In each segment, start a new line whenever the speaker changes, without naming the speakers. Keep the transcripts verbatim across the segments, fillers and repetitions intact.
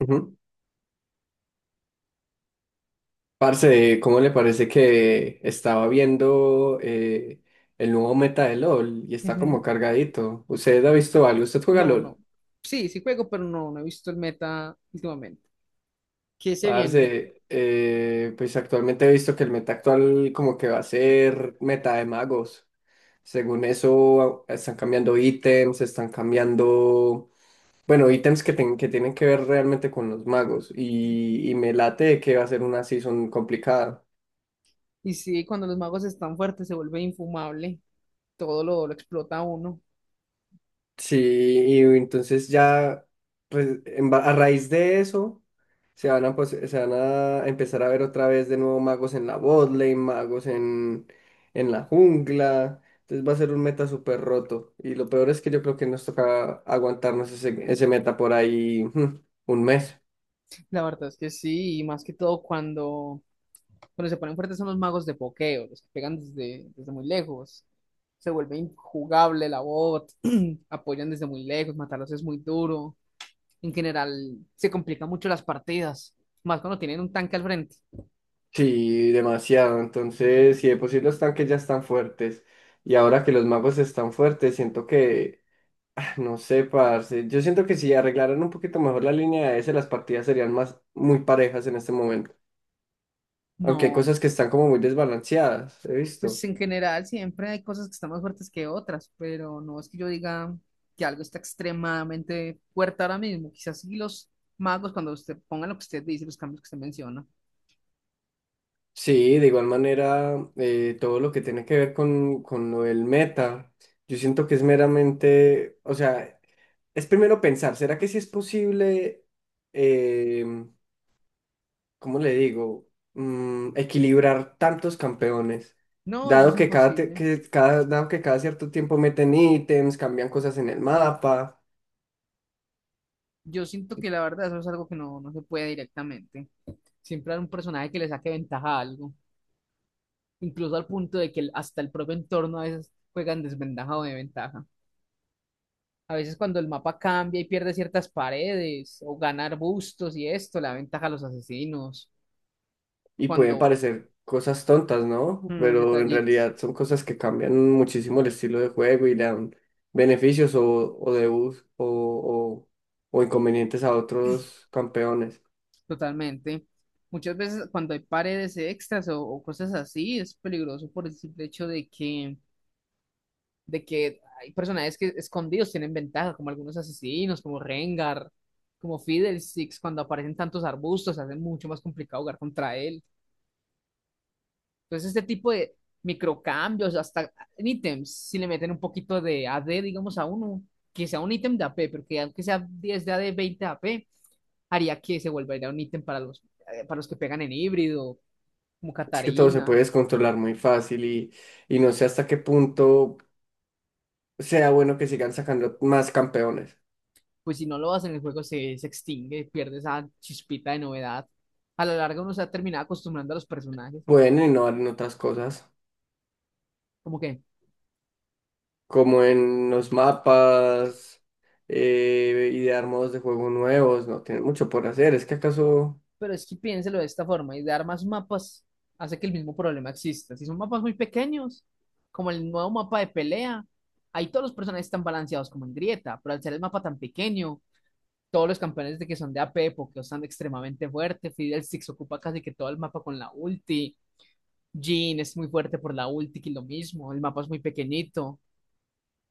Ujú. Parce, ¿cómo le parece que estaba viendo eh, el nuevo meta de LOL y está como
Ujú.
cargadito? ¿Usted ha visto algo? ¿Usted juega
No,
LOL?
no. Sí, sí juego, pero no, no he visto el meta últimamente. ¿Qué se viene?
Parce, eh, pues actualmente he visto que el meta actual como que va a ser meta de magos. Según eso, están cambiando ítems, están cambiando, bueno, ítems que, ten- que tienen que ver realmente con los magos y, y me late que va a ser una season complicada.
Y sí, cuando los magos están fuertes se vuelve infumable. Todo lo, lo explota uno.
Sí, y entonces ya, pues en ba- a raíz de eso, se van a, pos- se van a empezar a ver otra vez de nuevo magos en la botlane, magos en, en la jungla. Entonces va a ser un meta súper roto. Y lo peor es que yo creo que nos toca aguantarnos ese, ese meta por ahí mm, un mes.
La verdad es que sí, y más que todo cuando, cuando se ponen fuertes son los magos de pokeo, los que pegan desde, desde muy lejos. Se vuelve injugable la bot, apoyan desde muy lejos, matarlos es muy duro. En general, se complican mucho las partidas, más cuando tienen un tanque al frente.
Sí, demasiado. Entonces, si de por sí los tanques ya están fuertes y ahora que los magos están fuertes, siento que no sé, parce. Yo siento que si arreglaran un poquito mejor la línea de ese, las partidas serían más muy parejas en este momento. Aunque hay
No,
cosas que están como muy desbalanceadas, he
pues
visto.
en general siempre hay cosas que están más fuertes que otras, pero no es que yo diga que algo está extremadamente fuerte ahora mismo. Quizás sí los magos, cuando usted ponga lo que usted dice, los cambios que usted menciona.
Sí, de igual manera, eh, todo lo que tiene que ver con, con lo del meta, yo siento que es meramente, o sea, es primero pensar, ¿será que sí es posible? em, ¿cómo le digo? Mm, equilibrar tantos campeones.
No, eso es
Dado que cada, te-
imposible.
que cada, dado que cada cierto tiempo meten ítems, cambian cosas en el mapa
Yo siento que la verdad eso es algo que no, no se puede directamente. Siempre hay un personaje que le saque ventaja a algo, incluso al punto de que el- hasta el propio entorno a veces juega en desventaja o de ventaja. A veces cuando el mapa cambia y pierde ciertas paredes o gana arbustos y esto, la ventaja a los asesinos
y pueden
cuando
parecer cosas tontas, ¿no?
Mm,
Pero en
detallitos,
realidad son cosas que cambian muchísimo el estilo de juego y le dan beneficios o, o debuffs o, o, o inconvenientes a otros campeones.
totalmente. Muchas veces cuando hay paredes extras o, o cosas así, es peligroso por el simple hecho de que, de que hay personajes que escondidos tienen ventaja, como algunos asesinos, como Rengar, como Fiddlesticks, cuando aparecen tantos arbustos, hace mucho más complicado jugar contra él. Entonces, este tipo de microcambios, hasta en ítems, si le meten un poquito de A D, digamos, a uno, que sea un ítem de A P, pero que aunque sea diez de A D, veinte de A P haría que se volviera un ítem para los, eh, para los que pegan en híbrido, como
Es que todo se puede
Catarina.
descontrolar muy fácil y, y no sé hasta qué punto sea bueno que sigan sacando más campeones.
Pues si no lo hacen, el juego se, se extingue, pierde esa chispita de novedad. A la larga uno se ha terminado acostumbrando a los personajes.
Bueno, y no en otras cosas,
Como que,
como en los mapas, eh, idear modos de juego nuevos, no tienen mucho por hacer. Es que acaso,
pero es que piénselo de esta forma, y dar más mapas hace que el mismo problema exista. Si son mapas muy pequeños, como el nuevo mapa de pelea, ahí todos los personajes están balanceados como en grieta, pero al ser el mapa tan pequeño, todos los campeones de que son de A P, porque están extremadamente fuertes, Fiddlesticks ocupa casi que todo el mapa con la ulti, Jean es muy fuerte por la ulti, que lo mismo, el mapa es muy pequeñito.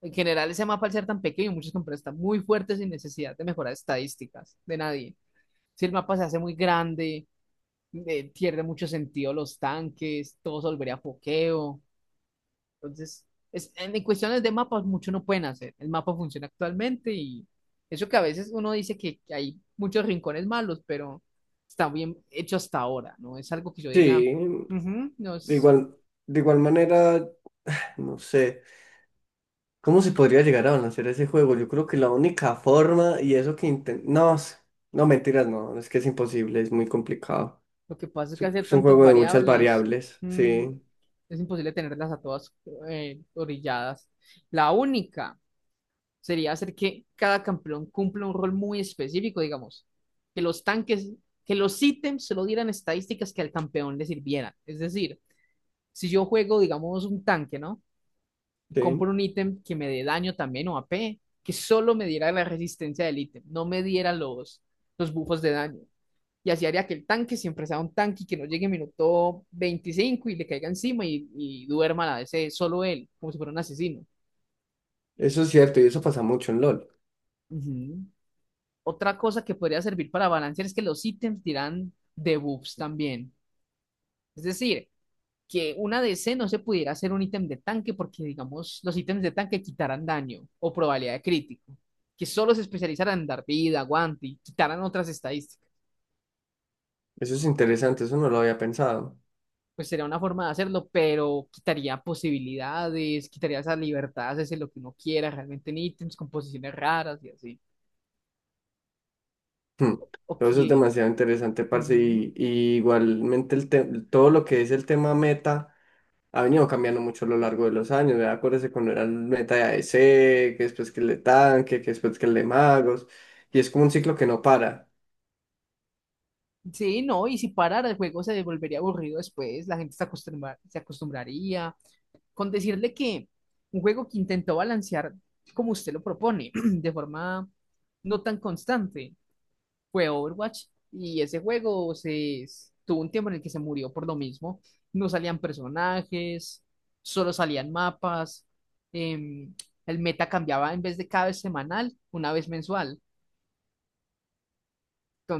En general, ese mapa al ser tan pequeño, muchos campeones están muy fuertes sin necesidad de mejorar estadísticas de nadie. Si el mapa se hace muy grande, eh, pierde mucho sentido los tanques, todo se volvería pokeo. Entonces, es, en, en cuestiones de mapas, mucho no pueden hacer. El mapa funciona actualmente y eso que a veces uno dice que, que hay muchos rincones malos, pero está bien hecho hasta ahora, ¿no? Es algo que yo diga,
sí,
"Ujú, no
de
es".
igual, de igual manera, no sé, ¿cómo se podría llegar a balancear ese juego? Yo creo que la única forma, y eso que intentamos, no, s- no, mentiras, no, es que es imposible, es muy complicado.
Lo que pasa es
Es
que
un
hacer
es un
tantas
juego de muchas
variables,
variables,
mm,
sí,
es imposible tenerlas a todas eh, orilladas. La única sería hacer que cada campeón cumpla un rol muy específico, digamos, que los tanques, que los ítems solo dieran estadísticas que al campeón le sirvieran. Es decir, si yo juego, digamos, un tanque, ¿no? Y compro
sí.
un ítem que me dé daño también o A P, que solo me diera la resistencia del ítem, no me diera los, los buffos de daño y así haría que el tanque siempre sea un tanque y que no llegue el minuto veinticinco y le caiga encima y, y duerma la D C solo él, como si fuera un asesino.
Eso es cierto, y eso pasa mucho en LOL.
Ujú. Otra cosa que podría servir para balancear es que los ítems dirán debuffs también. Es decir, que una D C no se pudiera hacer un ítem de tanque porque, digamos, los ítems de tanque quitaran daño o probabilidad de crítico. Que solo se especializaran en dar vida, aguante y quitaran otras estadísticas.
Eso es interesante, eso no lo había pensado.
Pues sería una forma de hacerlo, pero quitaría posibilidades, quitaría esa libertad, hacerse lo que uno quiera realmente en ítems, composiciones raras y así.
Hmm.
Ok.
Todo eso es demasiado interesante, parce,
Ujú.
y, y igualmente el te- todo lo que es el tema meta ha venido cambiando mucho a lo largo de los años, ¿verdad? Acuérdese cuando era el meta de A D C que después que el de tanque, que después que el de magos, y es como un ciclo que no para,
Sí, no, y si parara el juego se volvería aburrido después, la gente se acostumbra- se acostumbraría. Con decirle que un juego que intentó balancear como usted lo propone, de forma no tan constante, fue Overwatch y ese juego se s- tuvo un tiempo en el que se murió por lo mismo. No salían personajes, solo salían mapas. em, el meta cambiaba en vez de cada vez semanal, una vez mensual.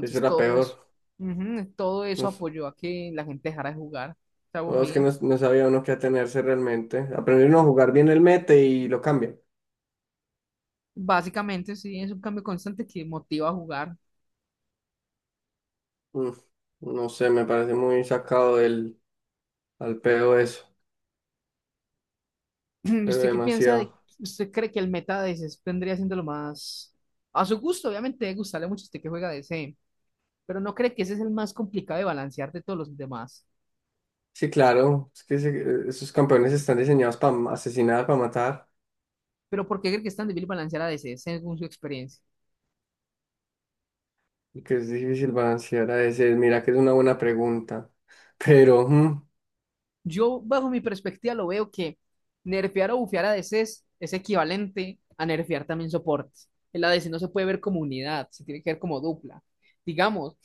eso era
todo
peor,
eso, ujú, todo
no,
eso
es
apoyó a que la gente dejara de jugar. Se
no, es que
aburría.
no, no sabía uno qué atenerse realmente, aprender uno a jugar bien el meta y lo cambia,
Básicamente, sí, es un cambio constante que motiva a jugar.
Mm, no sé, me parece muy sacado del al pedo eso,
¿Y
pero
usted qué piensa de,
demasiado.
usted cree que el meta de ese vendría siendo lo más a su gusto? Obviamente, debe gustarle mucho a usted que juega de ese. Pero ¿no cree que ese es el más complicado de balancear de todos los demás?
Sí, claro, es que se- esos campeones están diseñados para asesinar, para matar,
Pero ¿por qué cree que es tan difícil balancear a D C según su experiencia?
y que es difícil balancear a veces. Mira que es una buena pregunta, pero mm,
Yo, bajo mi perspectiva, lo veo que nerfear o bufear a D C es es equivalente a nerfear también soportes. El A D C no se puede ver como unidad, se tiene que ver como dupla. Digamos,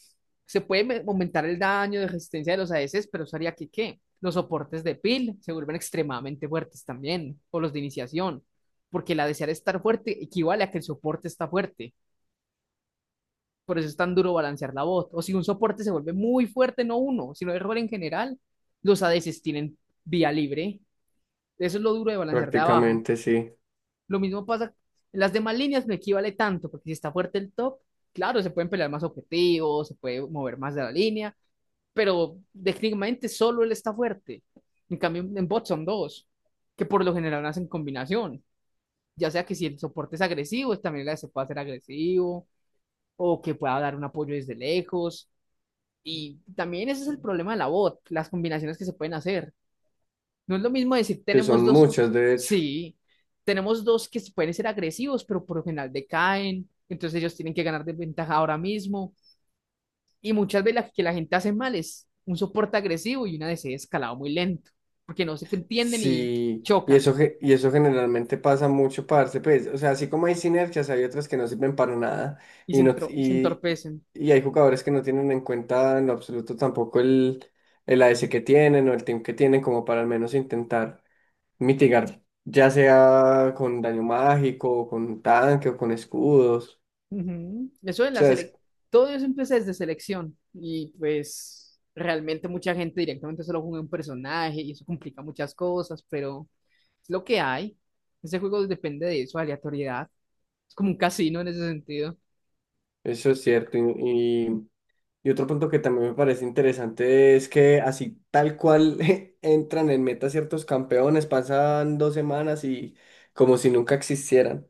se puede me- aumentar el daño de resistencia de los A D C s, pero eso haría que, ¿qué? Los soportes de peel se vuelven extremadamente fuertes también, o los de iniciación, porque la desear estar fuerte equivale a que el soporte está fuerte. Por eso es tan duro balancear la bot. O si un soporte se vuelve muy fuerte, no uno, sino error en general, los A D C s tienen vía libre. Eso es lo duro de balancear de abajo.
prácticamente sí,
Lo mismo pasa en las demás líneas, no equivale tanto, porque si está fuerte el top, claro, se pueden pelear más objetivos, se puede mover más de la línea, pero técnicamente solo él está fuerte. En cambio, en bot son dos, que por lo general hacen combinación. Ya sea que si el soporte es agresivo, también la se puede hacer agresivo, o que pueda dar un apoyo desde lejos. Y también ese es el problema de la bot, las combinaciones que se pueden hacer. No es lo mismo decir
que
tenemos
son
dos, un-
muchas de hecho.
sí, tenemos dos que pueden ser agresivos, pero por lo general decaen, entonces ellos tienen que ganar de ventaja ahora mismo. Y muchas veces la que la gente hace mal es un soporte agresivo y una D C escalado muy lento, porque no se entienden y
Sí, y
chocan
eso, ge- y eso generalmente pasa mucho, parce, pues, o sea, así como hay sinergias, hay otras que no sirven para nada,
y se,
y, no,
entro- se
y,
entorpecen.
y hay jugadores que no tienen en cuenta en lo absoluto tampoco el, el A S que tienen o el team que tienen como para al menos intentar mitigar, ya sea con daño mágico, con tanque o con escudos.
Ujú. Eso de
O
la
sea, es-
sele- todo eso empieza desde selección y pues realmente mucha gente directamente solo juega un personaje y eso complica muchas cosas, pero es lo que hay. Ese juego depende de eso, aleatoriedad. Es como un casino en ese sentido,
eso es cierto. Y, y- y otro punto que también me parece interesante es que así tal cual entran en meta ciertos campeones, pasan dos semanas y como si nunca existieran.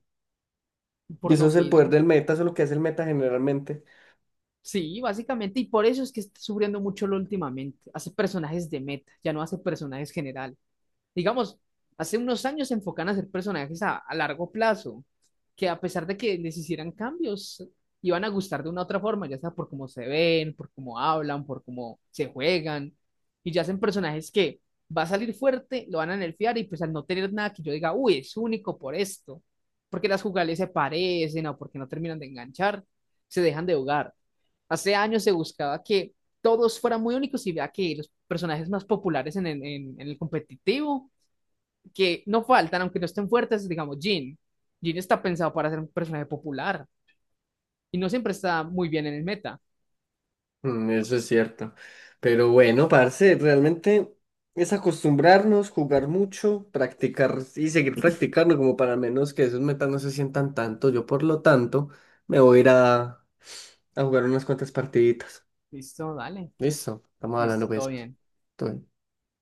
Y
por
eso
lo
es el poder
mismo.
del meta, eso es lo que hace el meta generalmente.
Sí, básicamente, y por eso es que está sufriendo mucho lo últimamente. Hace personajes de meta, ya no hace personajes generales. Digamos, hace unos años se enfocan a hacer personajes a, a largo plazo, que a pesar de que les hicieran cambios, iban a gustar de una u otra forma, ya sea por cómo se ven, por cómo hablan, por cómo se juegan, y ya hacen personajes que va a salir fuerte, lo van a nerfear y pues al no tener nada que yo diga, uy, es único por esto, porque las jugales se parecen o porque no terminan de enganchar, se dejan de jugar. Hace años se buscaba que todos fueran muy únicos y vea que los personajes más populares en, en en en el competitivo que no faltan, aunque no estén fuertes, digamos, Jin. Jin está pensado para ser un personaje popular y no siempre está muy bien en el meta.
Mm, Eso es cierto. Pero bueno, parce, realmente es acostumbrarnos, jugar mucho, practicar y seguir practicando como para menos que esos metas no se sientan tanto. Yo, por lo tanto, me voy a ir a, a jugar unas cuantas partiditas.
Listo, dale.
Listo, estamos hablando
Listo, todo
pues.
bien.
Todo bien.